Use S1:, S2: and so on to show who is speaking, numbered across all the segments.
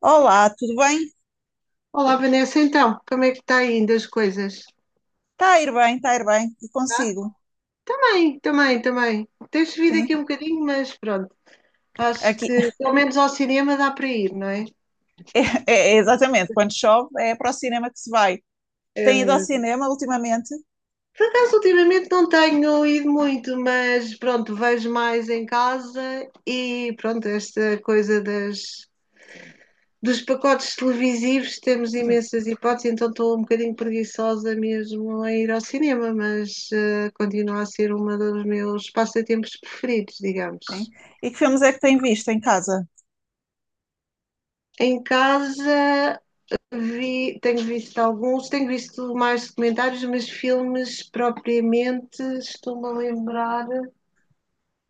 S1: Olá, tudo bem?
S2: Olá, Vanessa, então, como é que está aí ainda as coisas?
S1: Está a ir bem, está a ir bem. E
S2: Tá?
S1: consigo,
S2: Também, também, também. Tens subido
S1: sim.
S2: aqui um bocadinho, mas pronto, acho
S1: Aqui,
S2: que pelo menos ao cinema dá para ir, não é?
S1: é, é- é exatamente, quando chove é para o cinema que se vai.
S2: É
S1: Tem ido ao
S2: mesmo.
S1: cinema ultimamente?
S2: Por acaso, ultimamente não tenho ido muito, mas pronto, vejo mais em casa e pronto, esta coisa dos pacotes televisivos, temos imensas hipóteses, então estou um bocadinho preguiçosa mesmo a ir ao cinema, mas continua a ser um dos meus passatempos preferidos, digamos.
S1: Sim. E que filmes é que tem visto em casa?
S2: Em casa vi, tenho visto alguns, tenho visto mais documentários, mas filmes propriamente estou-me a lembrar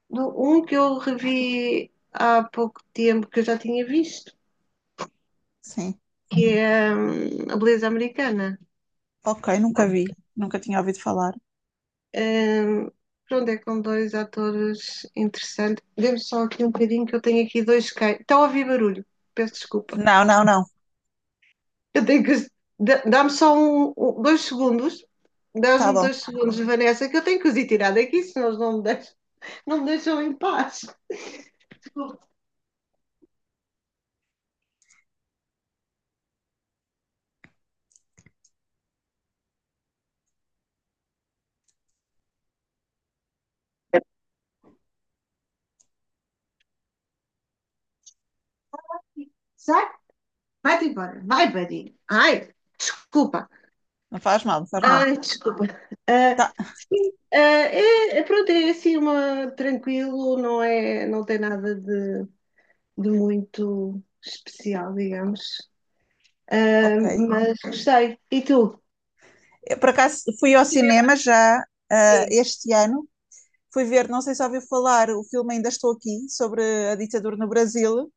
S2: de um que eu revi há pouco tempo, que eu já tinha visto,
S1: Sim.
S2: que é A Beleza Americana.
S1: Ok, nunca vi, nunca tinha ouvido falar.
S2: Hum, Pronto, é com dois atores interessantes. Dê-me só aqui um bocadinho que eu tenho aqui dois cães. Estão a ouvir barulho, peço desculpa.
S1: Não, não, não.
S2: Eu tenho que. Dá-me só dois segundos.
S1: Tá
S2: Dás-me
S1: bom.
S2: dois segundos, Vanessa, que eu tenho que os ir tirar daqui, senão eles não me deixam em paz. Sai, vai-te embora. Vai, buddy. Ai, desculpa.
S1: Não faz mal, não faz mal.
S2: Ai, desculpa. Ah,
S1: Tá,
S2: sim, ah, pronto, é assim uma tranquilo, não é, não tem nada de muito especial, digamos. Ah,
S1: ok.
S2: mas gostei. E tu?
S1: Eu, por acaso fui ao
S2: Cinema
S1: cinema já
S2: aqui.
S1: este ano. Fui ver, não sei se ouviu falar, o filme Ainda Estou Aqui, sobre a ditadura no Brasil.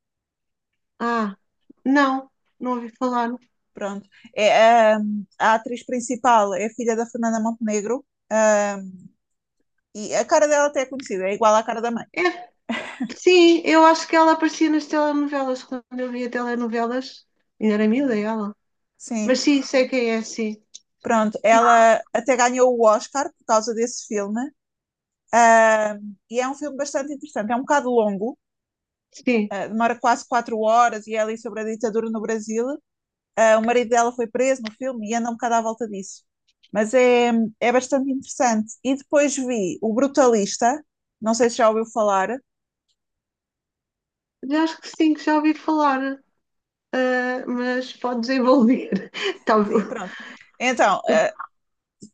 S2: Ah, não, não ouvi falar.
S1: Pronto. É, a atriz principal é a filha da Fernanda Montenegro, ahm, e a cara dela até é conhecida, é igual à cara da mãe.
S2: É, sim, eu acho que ela aparecia nas telenovelas, quando eu via telenovelas, ainda era miúda ela. Mas
S1: Sim.
S2: sim, sei quem é, sim.
S1: Pronto, ela até ganhou o Oscar por causa desse filme, e é um filme bastante interessante. É um bocado longo,
S2: Sim,
S1: demora quase 4 horas e é ali sobre a ditadura no Brasil. Ah, o marido dela foi preso no filme e anda um bocado à volta disso. Mas é, é bastante interessante. E depois vi O Brutalista, não sei se já ouviu falar.
S2: já acho que sim, que já ouvi falar, ah, mas pode desenvolver.
S1: Sim,
S2: Talvez.
S1: pronto. Então,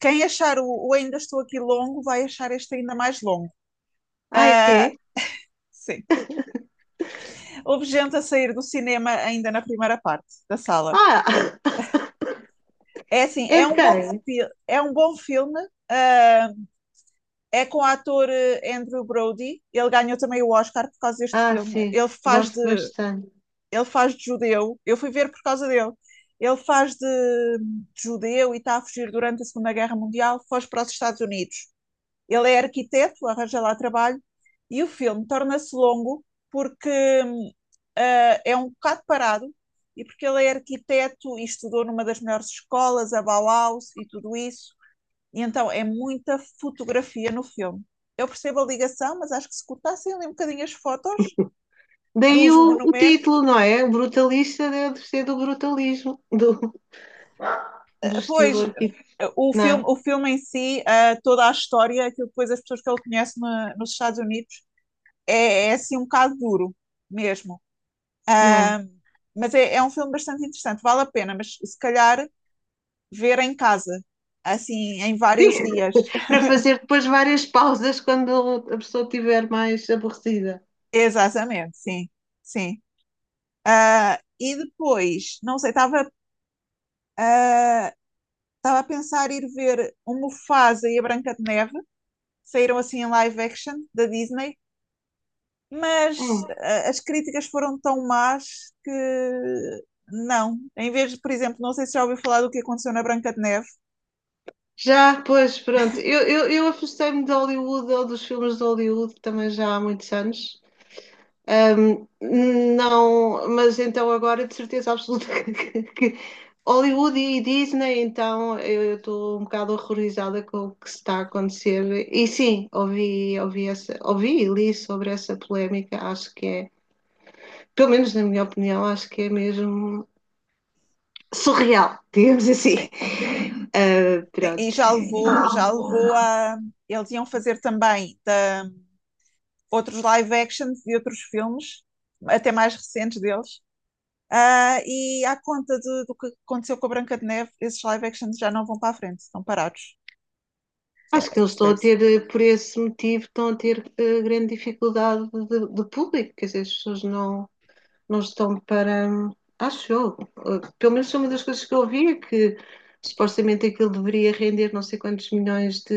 S1: quem achar o Ainda Estou Aqui longo vai achar este ainda mais longo.
S2: Ah,
S1: Ah,
S2: é?
S1: sim. Houve gente a sair do cinema ainda na primeira parte da sala.
S2: Ah,
S1: É assim, é
S2: é de
S1: um bom,
S2: quem?
S1: É um bom filme. ah, É com o ator Andrew Brody. Ele ganhou também o Oscar por causa deste
S2: Ah,
S1: filme.
S2: sim, gosto bastante.
S1: Ele faz de judeu. Eu fui ver por causa dele. Ele faz de judeu e está a fugir durante a Segunda Guerra Mundial, foge para os Estados Unidos. Ele é arquiteto, arranja lá trabalho, e o filme torna-se longo porque hum, é um bocado parado e porque ele é arquiteto e estudou numa das melhores escolas, a Bauhaus e tudo isso. E então é muita fotografia no filme. Eu percebo a ligação, mas acho que se cortassem ali um bocadinho as fotos
S2: Daí
S1: dos
S2: o
S1: monumentos,
S2: título, não é? O brutalista deve ser do brutalismo, do
S1: pois
S2: estilo arquiteto,
S1: o
S2: não
S1: filme,
S2: é?
S1: o filme em si, toda a história, aquilo que depois as pessoas que ele conhece nos Estados Unidos, é assim um bocado duro mesmo.
S2: Não, é?
S1: Ahm, mas é um filme bastante interessante, vale a pena, mas se calhar ver em casa, assim, em vários dias.
S2: Para fazer depois várias pausas quando a pessoa estiver mais aborrecida.
S1: Exatamente, sim, sim. Ah, e depois, não sei, ah, estava a pensar ir ver o Mufasa e a Branca de Neve, saíram assim em live action da Disney, mas
S2: Hum.
S1: as críticas foram tão más que não. Em vez de, por exemplo, não sei se já ouviu falar do que aconteceu na Branca de Neve.
S2: Já, pois, pronto. Eu afastei-me de Hollywood ou dos filmes de Hollywood também já há muitos anos. Um, não, mas então agora de certeza absoluta que Hollywood e Disney, então eu estou um bocado horrorizada com o que está a acontecer. E sim, ouvi, essa, ouvi e li sobre essa polémica, acho que é, pelo menos na minha opinião, acho que é mesmo surreal, digamos assim.
S1: Sim. Sim, e
S2: Pronto.
S1: já levou a. Eles iam fazer também outros live actions e outros filmes, até mais recentes deles. Ah, e à conta do que aconteceu com a Branca de Neve, esses live actions já não vão para a frente, estão parados. É,
S2: Acho que eles estão a
S1: percebe-se.
S2: ter, por esse motivo, estão a ter grande dificuldade de público, quer dizer, as pessoas não, não estão para. Acho eu. Pelo menos foi uma das coisas que eu ouvi é que supostamente aquilo deveria render não sei quantos milhões de.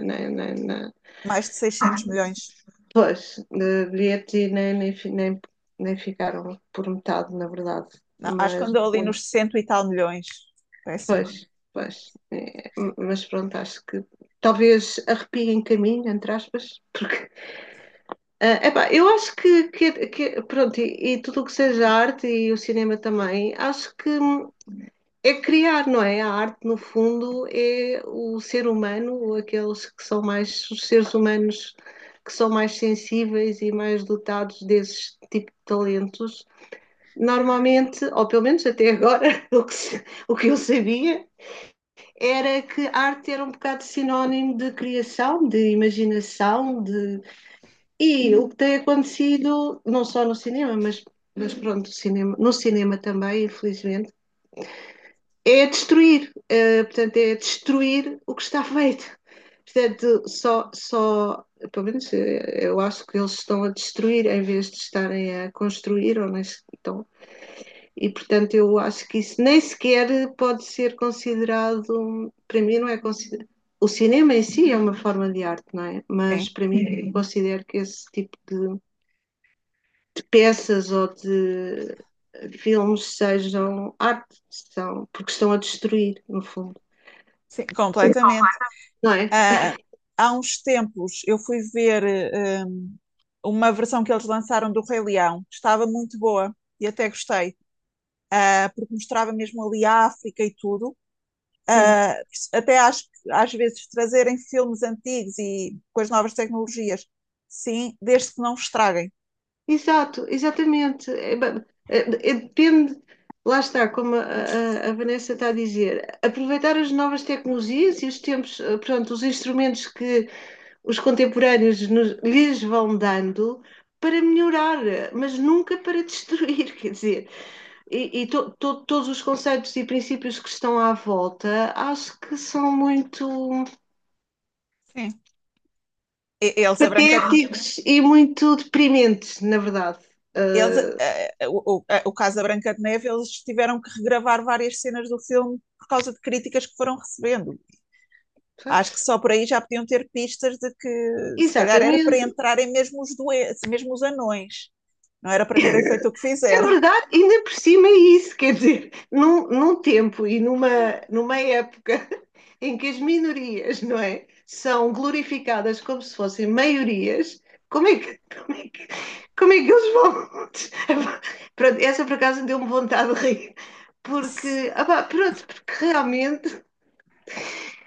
S2: Na, na, na,
S1: Mais de 600 milhões.
S2: Pois, de bilhetes e nem ficaram por metade, na verdade.
S1: Não, acho que
S2: Mas.
S1: andou ali nos 60 e tal milhões. Péssimo.
S2: Pois, pois. É, mas pronto, acho que talvez arrepie em caminho, entre aspas, porque ah, epá, eu acho que pronto, e tudo o que seja arte e o cinema também, acho que é criar, não é? A arte, no fundo, é o ser humano, aqueles que são mais, os seres humanos que são mais sensíveis e mais dotados desses tipo de talentos. Normalmente, ou pelo menos até agora, o que, se- o que eu sabia, era que arte era um bocado sinónimo de criação, de imaginação. E o que tem acontecido, não só no cinema, mas pronto, cinema, no cinema também, infelizmente, é destruir, portanto, é destruir o que está feito. Portanto, só, só, pelo menos eu acho que eles estão a destruir em vez de estarem a construir, ou nem estão e, portanto, eu acho que isso nem sequer pode ser considerado, para mim não é considerado. O cinema em si é uma forma de arte, não é? Mas
S1: Sim,
S2: para mim eu considero que esse tipo de peças ou de filmes sejam arte, são, porque estão a destruir, no fundo,
S1: sim, completamente.
S2: não é?
S1: Ah, há uns tempos eu fui ver uma versão que eles lançaram do Rei Leão, que estava muito boa e até gostei. Uh, porque mostrava mesmo ali a África e tudo.
S2: É.
S1: Uh, até acho que às vezes trazerem filmes antigos e com as novas tecnologias, sim, desde que não estraguem.
S2: Exato, exatamente. É, depende, lá está, como Vanessa está a dizer, aproveitar as novas tecnologias e os tempos, pronto, os instrumentos que os contemporâneos lhes vão dando para melhorar, mas nunca para destruir, quer dizer, e todos os conceitos e princípios que estão à volta acho que são muito
S1: Sim. Eles, a Branca de,
S2: patéticos e muito deprimentes, na verdade.
S1: eles,
S2: Ah,
S1: o, ah, O caso da Branca de Neve, eles tiveram que regravar várias cenas do filme por causa de críticas que foram recebendo. Acho que só por aí já podiam ter pistas de que se calhar era para
S2: exatamente.
S1: entrarem mesmo os doentes, mesmo os anões. Não era para terem feito o que
S2: É
S1: fizeram.
S2: verdade, ainda por cima é isso, quer dizer, num tempo e numa época em que as minorias, não é, são glorificadas como se fossem maiorias, como é que, como é que eles vão? Pronto, essa por acaso deu-me vontade de rir, porque, ah pá, pronto, porque realmente,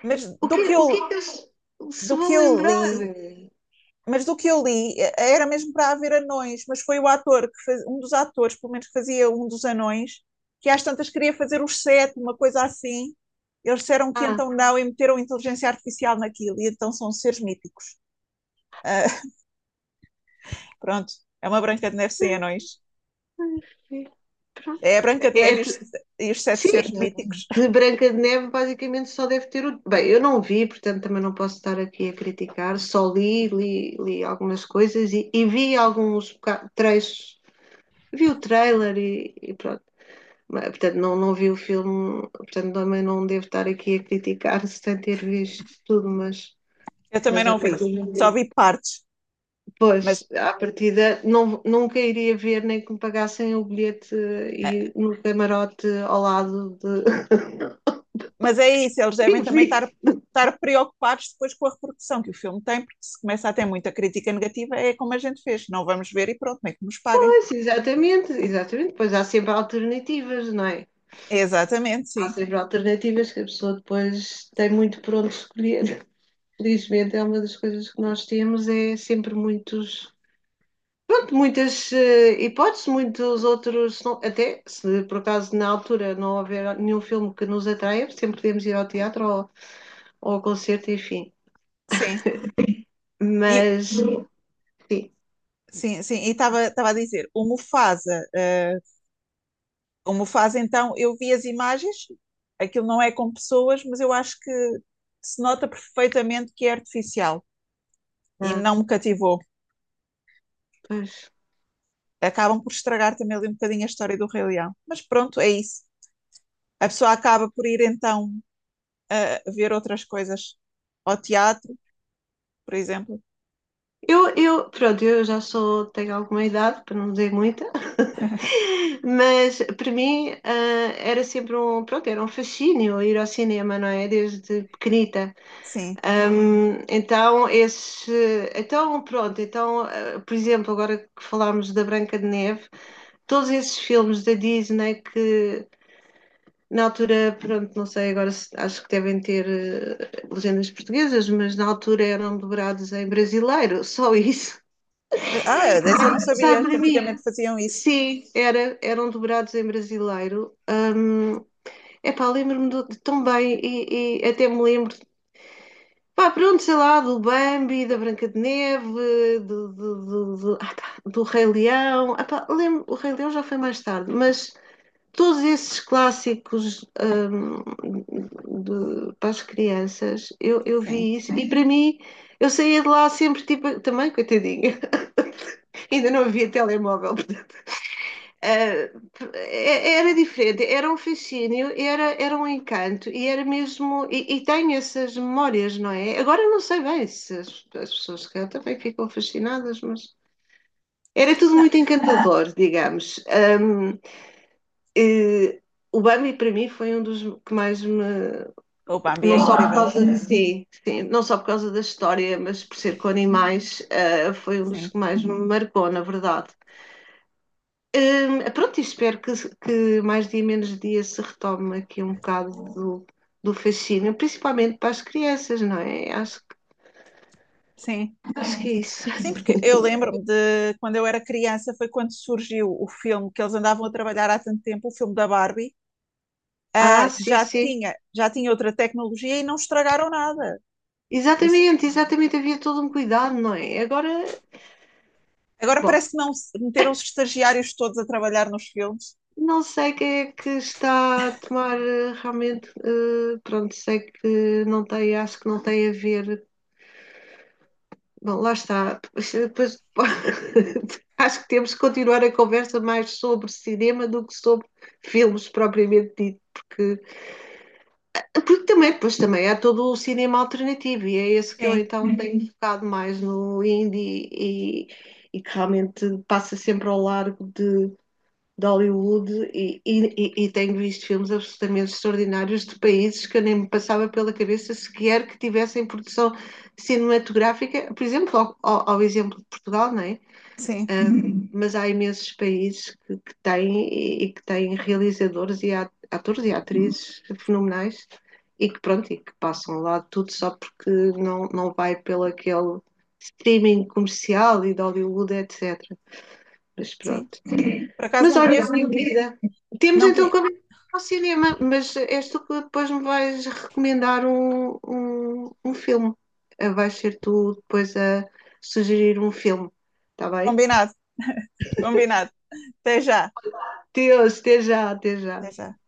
S1: Mas
S2: o que, o que é que eles se
S1: do que
S2: vão
S1: eu
S2: lembrar?
S1: li, mas do que eu li, era mesmo para haver anões, mas foi o ator que faz, um dos atores, pelo menos que fazia um dos anões, que às tantas queria fazer os sete, uma coisa assim. Eles disseram que
S2: Ah,
S1: então não e meteram inteligência artificial naquilo, e então são seres míticos. Ah, pronto, é uma Branca de Neve sem anões.
S2: pronto,
S1: É a Branca de
S2: é, é
S1: Neve e os,
S2: tu-
S1: E os sete
S2: sim,
S1: seres míticos.
S2: de Branca de Neve basicamente só deve ter o. Bem, eu não vi, portanto também não posso estar aqui a criticar, só li algumas coisas e vi alguns trechos, vi o trailer e pronto. Mas, portanto, não, não vi o filme, portanto também não devo estar aqui a criticar sem ter visto tudo, mas,
S1: Eu também
S2: mas à
S1: não vi,
S2: partida,
S1: só vi partes,
S2: pois,
S1: mas
S2: à partida não, nunca iria ver nem que me pagassem o bilhete e no camarote ao lado de.
S1: Mas é isso, eles
S2: E
S1: devem também
S2: vi.
S1: estar preocupados depois com a repercussão que o filme tem, porque se começa a ter muita crítica negativa, é como a gente fez, não vamos ver e pronto, nem que nos paguem.
S2: Pois, exatamente, exatamente. Pois há sempre alternativas, não é?
S1: Exatamente,
S2: Há
S1: sim,
S2: sempre alternativas que a pessoa depois tem muito por onde escolher. Felizmente é uma das coisas que nós temos, é sempre pronto, muitas hipóteses, muitos outros, se não- até se por acaso na altura não houver nenhum filme que nos atraia, sempre podemos ir ao teatro ou ao concerto, enfim.
S1: sim. E
S2: Mas, sim,
S1: sim, sim, e estava a dizer, o Mufasa, o Mufasa então, eu vi as imagens, aquilo não é com pessoas, mas eu acho que se nota perfeitamente que é artificial e
S2: ah,
S1: não me cativou.
S2: pois.
S1: Acabam por estragar também ali um bocadinho a história do Rei Leão. Mas pronto, é isso. A pessoa acaba por ir então a ver outras coisas, ao teatro, por exemplo.
S2: Pronto, eu já sou, tenho alguma idade, para não dizer muita, mas para mim ah, era sempre um, pronto, era um fascínio ir ao cinema, não é? Desde pequenita.
S1: Sim.
S2: Então, esse, então, pronto, então, ah, por exemplo, agora que falámos da Branca de Neve, todos esses filmes da Disney que na altura, pronto, não sei, agora acho que devem ter legendas portuguesas, mas na altura eram dobrados em brasileiro, só isso.
S1: Ah, dessa eu não
S2: Está
S1: sabia que
S2: para mim.
S1: antigamente faziam isso.
S2: Sim, eram dobrados em brasileiro. Epá, lembro-me de tão bem e até me lembro, pá, pronto, sei lá, do Bambi, da Branca de Neve, ah, tá, do Rei Leão. Epá, lembro, o Rei Leão já foi mais tarde, mas todos esses clássicos, para as crianças, eu
S1: Sim.
S2: vi isso e para mim, eu saía de lá sempre, tipo, também, coitadinha, ainda não havia telemóvel. Ah, era diferente, era um fascínio, era um encanto e era mesmo. E tenho essas memórias, não é? Agora não sei bem se as pessoas que eu também ficam fascinadas, mas era tudo
S1: Não,
S2: muito encantador, digamos. Eh, o Bambi para mim foi um dos que mais me.
S1: o Bambi é
S2: Não só por
S1: incrível.
S2: causa de sim, sim, não só por causa da história, mas por ser com animais, ah, foi um dos
S1: Sim,
S2: que mais me marcou, na verdade. Pronto, e espero que, mais dia menos dia se retome aqui um bocado do fascínio, principalmente para as crianças, não é? Acho,
S1: sim,
S2: acho que é
S1: sim.
S2: isso.
S1: Sim, porque eu lembro-me de quando eu era criança, foi quando surgiu o filme que eles andavam a trabalhar há tanto tempo, o filme da Barbie,
S2: Ah, sim, sim.
S1: já tinha outra tecnologia e não estragaram nada. Por isso,
S2: Exatamente, exatamente. Havia todo um cuidado, não é? Agora,
S1: agora
S2: bom,
S1: parece que meteram os estagiários todos a trabalhar nos filmes.
S2: não sei quem é que está a tomar realmente. Pronto, sei que não tem, acho que não tem a ver. Bom, lá está. Depois, depois, acho que temos que continuar a conversa mais sobre cinema do que sobre filmes propriamente dito, porque, também, depois também há todo o cinema alternativo e é esse que eu
S1: Sim,
S2: então tenho focado mais no indie e que realmente passa sempre ao largo de Hollywood tenho visto filmes absolutamente extraordinários de países que eu nem me passava pela cabeça sequer que tivessem produção cinematográfica, por exemplo, exemplo de Portugal, não é?
S1: sim,
S2: Ah, mas há imensos países que têm e que têm realizadores e atores e atrizes fenomenais e que pronto, e que passam lá tudo só porque não, não vai pelo aquele streaming comercial e de Hollywood, etc. Mas
S1: sim.
S2: pronto.
S1: Por acaso
S2: Mas
S1: não
S2: olha,
S1: conheço,
S2: minha querida, temos
S1: não
S2: então
S1: conheço.
S2: que ir ao cinema, mas és tu que depois me vais recomendar um, um filme. Vais ser tu depois a sugerir um filme, está bem?
S1: Combinado, combinado. Até já,
S2: Deus, até já, até já.
S1: até já.